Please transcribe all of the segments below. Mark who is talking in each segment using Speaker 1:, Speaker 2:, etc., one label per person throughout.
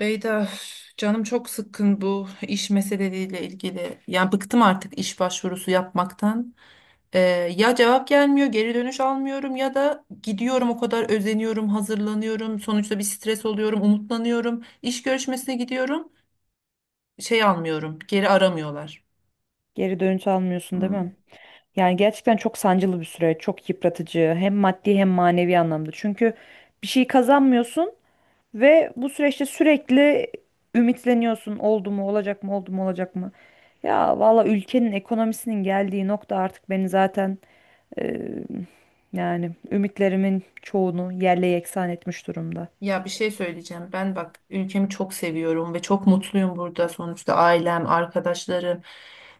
Speaker 1: Beyda, üf, canım çok sıkkın bu iş meseleleriyle ilgili. Yani bıktım artık iş başvurusu yapmaktan. Ee, ya cevap gelmiyor, geri dönüş almıyorum ya da gidiyorum o kadar özeniyorum, hazırlanıyorum. Sonuçta bir stres oluyorum, umutlanıyorum. İş görüşmesine gidiyorum, şey almıyorum, geri aramıyorlar.
Speaker 2: Geri dönüş almıyorsun değil mi?
Speaker 1: Hmm.
Speaker 2: Yani gerçekten çok sancılı bir süreç, çok yıpratıcı hem maddi hem manevi anlamda. Çünkü bir şey kazanmıyorsun ve bu süreçte sürekli ümitleniyorsun. Oldu mu, olacak mı, oldu mu, olacak mı? Ya valla ülkenin ekonomisinin geldiği nokta artık beni zaten e, yani ümitlerimin çoğunu yerle yeksan etmiş durumda.
Speaker 1: Ya bir şey söyleyeceğim. Ben bak ülkemi çok seviyorum ve çok mutluyum burada. Sonuçta ailem, arkadaşlarım,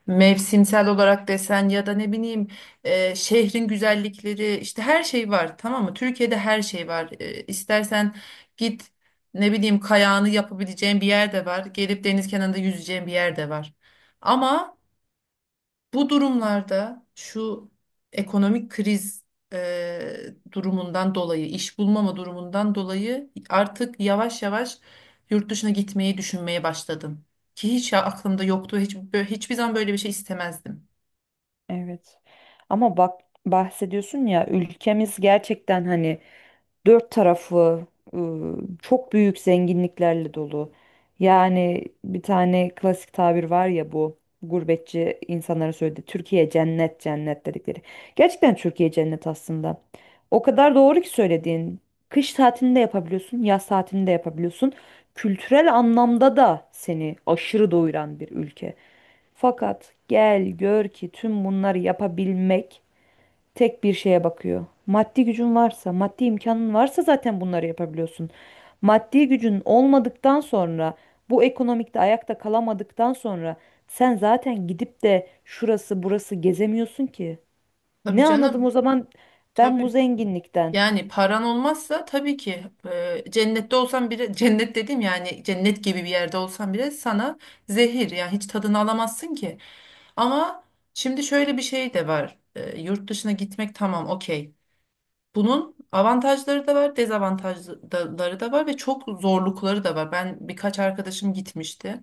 Speaker 1: mevsimsel olarak desen ya da ne bileyim şehrin güzellikleri işte her şey var, tamam mı? Türkiye'de her şey var. E, istersen git, ne bileyim, kayağını yapabileceğin bir yer de var. Gelip deniz kenarında yüzeceğin bir yer de var. Ama bu durumlarda şu ekonomik kriz e, durumundan dolayı, iş bulmama durumundan dolayı artık yavaş yavaş yurt dışına gitmeyi düşünmeye başladım. Ki hiç aklımda yoktu, hiç, hiçbir zaman böyle bir şey istemezdim.
Speaker 2: Evet. Ama bak bahsediyorsun ya, ülkemiz gerçekten hani dört tarafı çok büyük zenginliklerle dolu. Yani bir tane klasik tabir var ya, bu gurbetçi insanlara söyledi. Türkiye cennet cennet dedikleri. Gerçekten Türkiye cennet aslında. O kadar doğru ki söylediğin. Kış tatilinde yapabiliyorsun, yaz tatilinde yapabiliyorsun. Kültürel anlamda da seni aşırı doyuran bir ülke. Fakat gel gör ki tüm bunları yapabilmek tek bir şeye bakıyor. Maddi gücün varsa, maddi imkanın varsa zaten bunları yapabiliyorsun. Maddi gücün olmadıktan sonra, bu ekonomikte ayakta kalamadıktan sonra sen zaten gidip de şurası burası gezemiyorsun ki.
Speaker 1: Tabii
Speaker 2: Ne anladım
Speaker 1: canım,
Speaker 2: o zaman ben bu
Speaker 1: tabii.
Speaker 2: zenginlikten?
Speaker 1: Yani paran olmazsa tabii ki cennette olsan bile, cennet dedim, yani cennet gibi bir yerde olsan bile sana zehir. Yani hiç tadını alamazsın ki. Ama şimdi şöyle bir şey de var. Yurt dışına gitmek tamam, okey. Bunun avantajları da var, dezavantajları da var ve çok zorlukları da var. Ben birkaç arkadaşım gitmişti.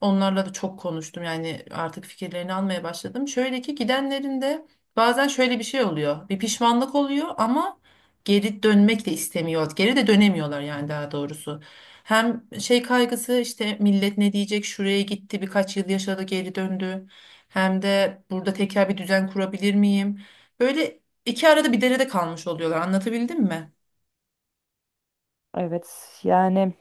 Speaker 1: Onlarla da çok konuştum, yani artık fikirlerini almaya başladım. Şöyle ki gidenlerin de bazen şöyle bir şey oluyor. Bir pişmanlık oluyor ama geri dönmek de istemiyor. Geri de dönemiyorlar, yani daha doğrusu. Hem şey kaygısı işte, millet ne diyecek, şuraya gitti, birkaç yıl yaşadı, geri döndü. Hem de burada tekrar bir düzen kurabilir miyim? Böyle iki arada bir derede kalmış oluyorlar, anlatabildim mi?
Speaker 2: Evet yani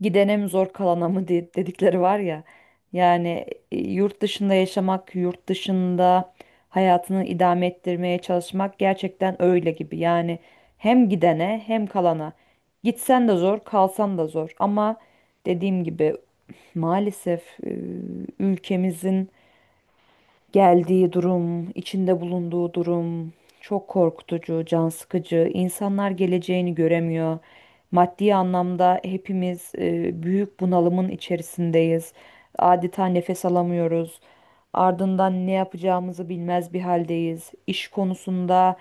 Speaker 2: gidene mi zor kalana mı dedikleri var ya. Yani yurt dışında yaşamak, yurt dışında hayatını idame ettirmeye çalışmak gerçekten öyle gibi. Yani hem gidene hem kalana. Gitsen de zor, kalsan da zor. Ama dediğim gibi, maalesef ülkemizin geldiği durum, içinde bulunduğu durum çok korkutucu, can sıkıcı. İnsanlar geleceğini göremiyor. Maddi anlamda hepimiz büyük bunalımın içerisindeyiz. Adeta nefes alamıyoruz. Ardından ne yapacağımızı bilmez bir haldeyiz. İş konusunda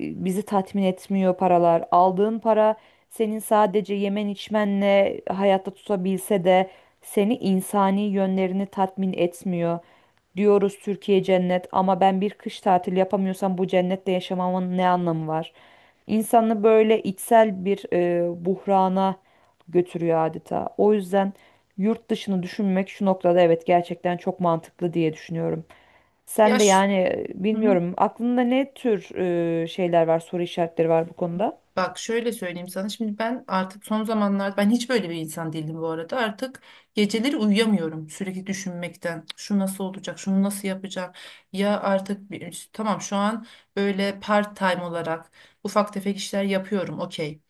Speaker 2: bizi tatmin etmiyor paralar. Aldığın para senin sadece yemen içmenle hayatta tutabilse de seni insani yönlerini tatmin etmiyor. Diyoruz Türkiye cennet ama ben bir kış tatili yapamıyorsam bu cennette yaşamamın ne anlamı var? İnsanı böyle içsel bir buhrana götürüyor adeta. O yüzden yurt dışını düşünmek şu noktada, evet, gerçekten çok mantıklı diye düşünüyorum. Sen de
Speaker 1: Yaş.
Speaker 2: yani bilmiyorum aklında ne tür şeyler var, soru işaretleri var bu konuda?
Speaker 1: Bak şöyle söyleyeyim sana, şimdi ben artık son zamanlarda, ben hiç böyle bir insan değildim bu arada, artık geceleri uyuyamıyorum sürekli düşünmekten, şu nasıl olacak, şunu nasıl yapacağım. Ya artık bir, tamam şu an böyle part time olarak ufak tefek işler yapıyorum, okey,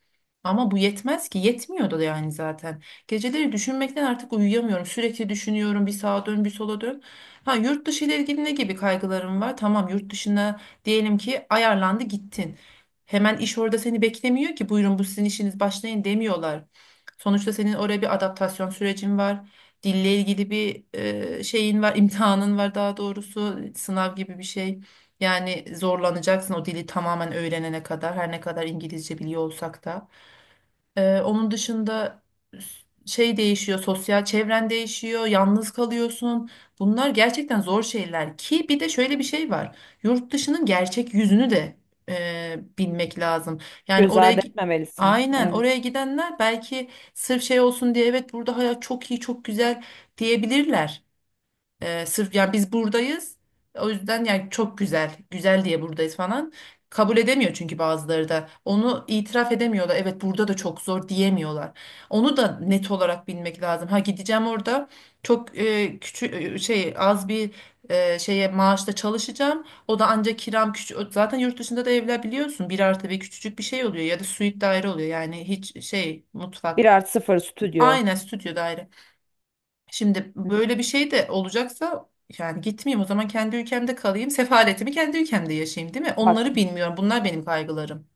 Speaker 1: ama bu yetmez ki, yetmiyordu da yani zaten. Geceleri düşünmekten artık uyuyamıyorum, sürekli düşünüyorum, bir sağa dön bir sola dön. Ha, yurt dışı ile ilgili ne gibi kaygılarım var? Tamam, yurt dışına diyelim ki ayarlandı, gittin. Hemen iş orada seni beklemiyor ki, buyurun bu sizin işiniz başlayın demiyorlar. Sonuçta senin oraya bir adaptasyon sürecin var. Dille ilgili bir şeyin var, imtihanın var, daha doğrusu sınav gibi bir şey. Yani zorlanacaksın o dili tamamen öğrenene kadar, her ne kadar İngilizce biliyor olsak da. Onun dışında şey değişiyor, sosyal çevren değişiyor, yalnız kalıyorsun. Bunlar gerçekten zor şeyler, ki bir de şöyle bir şey var. Yurt dışının gerçek yüzünü de bilmek lazım. Yani
Speaker 2: Göz ardı etmemelisin.
Speaker 1: aynen,
Speaker 2: Evet.
Speaker 1: oraya gidenler belki sırf şey olsun diye evet burada hayat çok iyi, çok güzel diyebilirler. Sırf yani biz buradayız. O yüzden yani çok güzel, güzel diye buradayız falan. Kabul edemiyor çünkü bazıları da. Onu itiraf edemiyorlar. Evet, burada da çok zor diyemiyorlar. Onu da net olarak bilmek lazım. Ha, gideceğim orada çok küçük şey, az bir şeye, maaşla çalışacağım. O da ancak, kiram küçük. Zaten yurt dışında da evler biliyorsun bir artı bir küçücük bir şey oluyor ya da suite daire oluyor. Yani hiç şey,
Speaker 2: bir
Speaker 1: mutfak.
Speaker 2: artı sıfır stüdyo.
Speaker 1: Aynen, stüdyo daire. Şimdi
Speaker 2: Hı.
Speaker 1: böyle bir şey de olacaksa, yani gitmeyeyim o zaman, kendi ülkemde kalayım. Sefaletimi kendi ülkemde yaşayayım, değil mi?
Speaker 2: Bak,
Speaker 1: Onları bilmiyorum. Bunlar benim kaygılarım.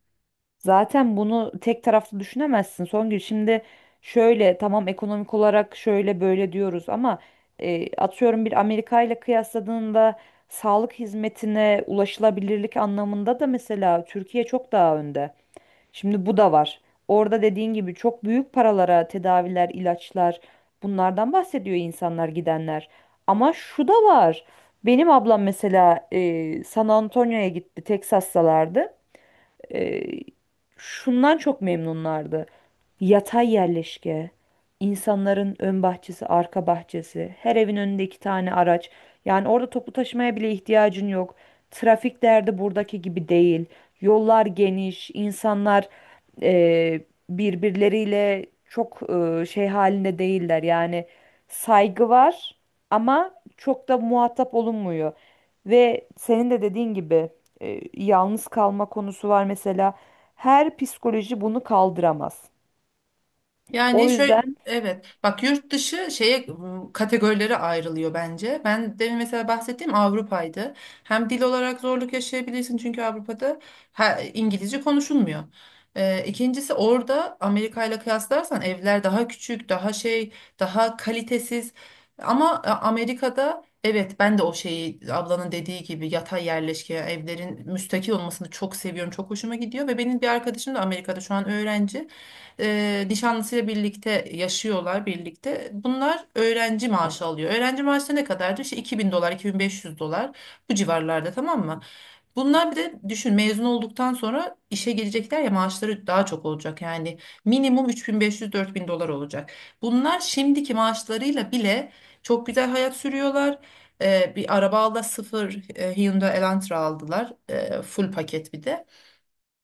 Speaker 2: zaten bunu tek taraflı düşünemezsin Songül. Şimdi şöyle, tamam, ekonomik olarak şöyle böyle diyoruz ama atıyorum bir Amerika ile kıyasladığında sağlık hizmetine ulaşılabilirlik anlamında da mesela Türkiye çok daha önde. Şimdi bu da var. Orada dediğin gibi çok büyük paralara tedaviler, ilaçlar, bunlardan bahsediyor insanlar gidenler. Ama şu da var. Benim ablam mesela San Antonio'ya gitti, Texas'talardı, e, şundan çok memnunlardı. Yatay yerleşke, insanların ön bahçesi, arka bahçesi, her evin önünde iki tane araç. Yani orada toplu taşımaya bile ihtiyacın yok. Trafik derdi buradaki gibi değil. Yollar geniş, insanlar birbirleriyle çok şey halinde değiller. Yani saygı var ama çok da muhatap olunmuyor. Ve senin de dediğin gibi yalnız kalma konusu var mesela. Her psikoloji bunu kaldıramaz. O
Speaker 1: Yani şöyle,
Speaker 2: yüzden
Speaker 1: evet bak, yurt dışı kategorilere ayrılıyor bence. Ben demin mesela bahsettiğim Avrupa'ydı. Hem dil olarak zorluk yaşayabilirsin çünkü Avrupa'da İngilizce konuşulmuyor. İkincisi, orada Amerika ile kıyaslarsan evler daha küçük, daha şey, daha kalitesiz. Ama Amerika'da evet, ben de o şeyi, ablanın dediği gibi yatay yerleşke, evlerin müstakil olmasını çok seviyorum. Çok hoşuma gidiyor. Ve benim bir arkadaşım da Amerika'da şu an öğrenci, nişanlısıyla birlikte yaşıyorlar, birlikte. Bunlar öğrenci maaşı alıyor. Öğrenci maaşı da ne kadardı? İşte $2,000, $2,500, bu civarlarda, tamam mı? Bunlar bir de düşün, mezun olduktan sonra işe girecekler ya, maaşları daha çok olacak. Yani minimum 3,500, $4,000 olacak. Bunlar şimdiki maaşlarıyla bile çok güzel hayat sürüyorlar. Bir araba aldı, sıfır, Hyundai Elantra aldılar. Full paket bir de.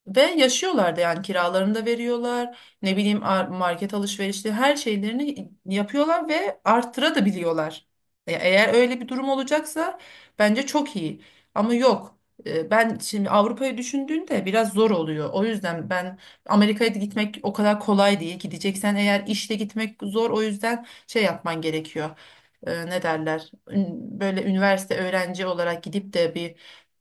Speaker 1: Ve yaşıyorlar da, yani kiralarını da veriyorlar. Ne bileyim, market alışverişleri, her şeylerini yapıyorlar ve arttıra da biliyorlar. Eğer öyle bir durum olacaksa bence çok iyi. Ama yok. Ben şimdi Avrupa'yı düşündüğünde biraz zor oluyor. O yüzden ben Amerika'ya da gitmek o kadar kolay değil. Gideceksen eğer, işle gitmek zor. O yüzden şey yapman gerekiyor. Ne derler? Böyle üniversite öğrenci olarak gidip de bir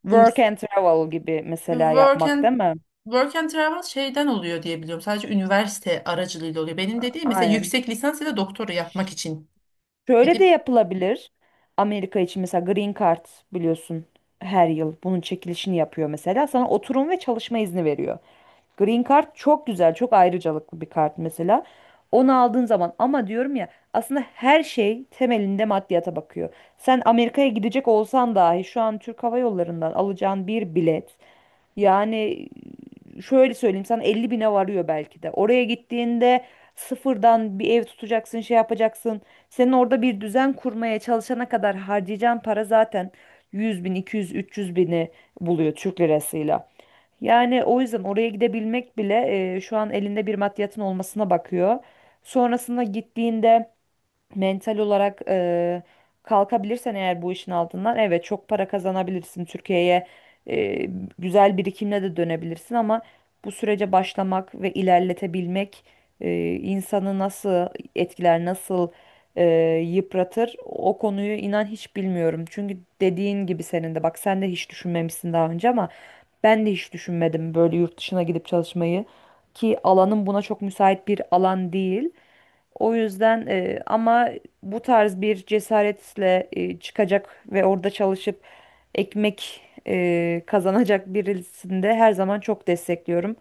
Speaker 2: work
Speaker 1: burs,
Speaker 2: and travel gibi mesela
Speaker 1: work
Speaker 2: yapmak
Speaker 1: and
Speaker 2: değil mi?
Speaker 1: Work and travel şeyden oluyor diye biliyorum. Sadece üniversite aracılığıyla oluyor. Benim dediğim mesela
Speaker 2: Aynen.
Speaker 1: yüksek lisans ya da doktora yapmak için
Speaker 2: Şöyle de
Speaker 1: gidip.
Speaker 2: yapılabilir. Amerika için mesela Green Card, biliyorsun, her yıl bunun çekilişini yapıyor mesela. Sana oturum ve çalışma izni veriyor. Green Card çok güzel, çok ayrıcalıklı bir kart mesela. Onu aldığın zaman, ama diyorum ya, aslında her şey temelinde maddiyata bakıyor. Sen Amerika'ya gidecek olsan dahi şu an Türk Hava Yolları'ndan alacağın bir bilet, yani şöyle söyleyeyim sana, 50 bine varıyor belki de. Oraya gittiğinde sıfırdan bir ev tutacaksın, şey yapacaksın. Senin orada bir düzen kurmaya çalışana kadar harcayacağın para zaten 100 bin, 200, 300 bini buluyor Türk lirasıyla. Yani o yüzden oraya gidebilmek bile şu an elinde bir maddiyatın olmasına bakıyor. Sonrasında gittiğinde mental olarak kalkabilirsen eğer bu işin altından, evet, çok para kazanabilirsin. Türkiye'ye e, güzel birikimle de dönebilirsin ama bu sürece başlamak ve ilerletebilmek insanı nasıl etkiler, nasıl e, yıpratır, o konuyu inan hiç bilmiyorum. Çünkü dediğin gibi senin de, bak, sen de hiç düşünmemişsin daha önce ama ben de hiç düşünmedim böyle yurt dışına gidip çalışmayı, ki alanım buna çok müsait bir alan değil. O yüzden ama bu tarz bir cesaretle çıkacak ve orada çalışıp ekmek kazanacak birisini de her zaman çok destekliyorum.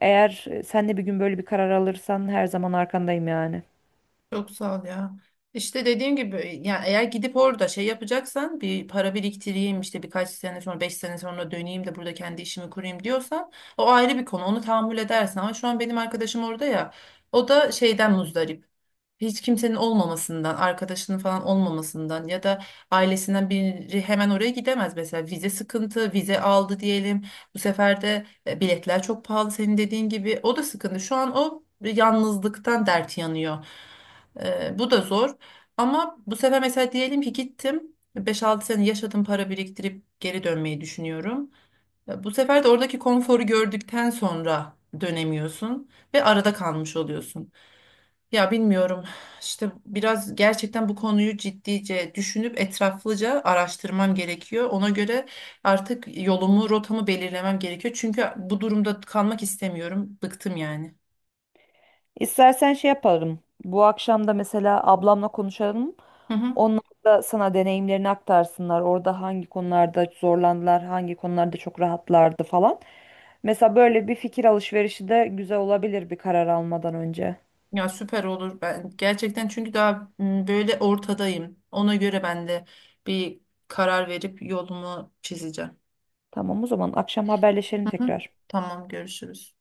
Speaker 2: Eğer sen de bir gün böyle bir karar alırsan her zaman arkandayım yani.
Speaker 1: Çok sağ ol ya. İşte dediğim gibi, yani eğer gidip orada şey yapacaksan, bir para biriktireyim işte, birkaç sene sonra, 5 sene sonra döneyim de burada kendi işimi kurayım diyorsan, o ayrı bir konu, onu tahammül edersin. Ama şu an benim arkadaşım orada ya, o da şeyden muzdarip. Hiç kimsenin olmamasından, arkadaşının falan olmamasından. Ya da ailesinden biri hemen oraya gidemez mesela, vize sıkıntı, vize aldı diyelim. Bu sefer de biletler çok pahalı, senin dediğin gibi. O da sıkıntı. Şu an o yalnızlıktan dert yanıyor. Bu da zor. Ama bu sefer mesela diyelim ki gittim, beş altı sene yaşadım, para biriktirip geri dönmeyi düşünüyorum. Bu sefer de oradaki konforu gördükten sonra dönemiyorsun ve arada kalmış oluyorsun. Ya bilmiyorum, işte biraz gerçekten bu konuyu ciddice düşünüp etraflıca araştırmam gerekiyor. Ona göre artık yolumu, rotamı belirlemem gerekiyor. Çünkü bu durumda kalmak istemiyorum. Bıktım yani.
Speaker 2: İstersen şey yapalım. Bu akşam da mesela ablamla konuşalım.
Speaker 1: Hı hı.
Speaker 2: Onlar da sana deneyimlerini aktarsınlar. Orada hangi konularda zorlandılar, hangi konularda çok rahatlardı falan. Mesela böyle bir fikir alışverişi de güzel olabilir bir karar almadan önce.
Speaker 1: Ya süper olur, ben gerçekten, çünkü daha böyle ortadayım. Ona göre ben de bir karar verip yolumu çizeceğim.
Speaker 2: Tamam, o zaman akşam haberleşelim
Speaker 1: Hı hı.
Speaker 2: tekrar.
Speaker 1: Tamam, görüşürüz.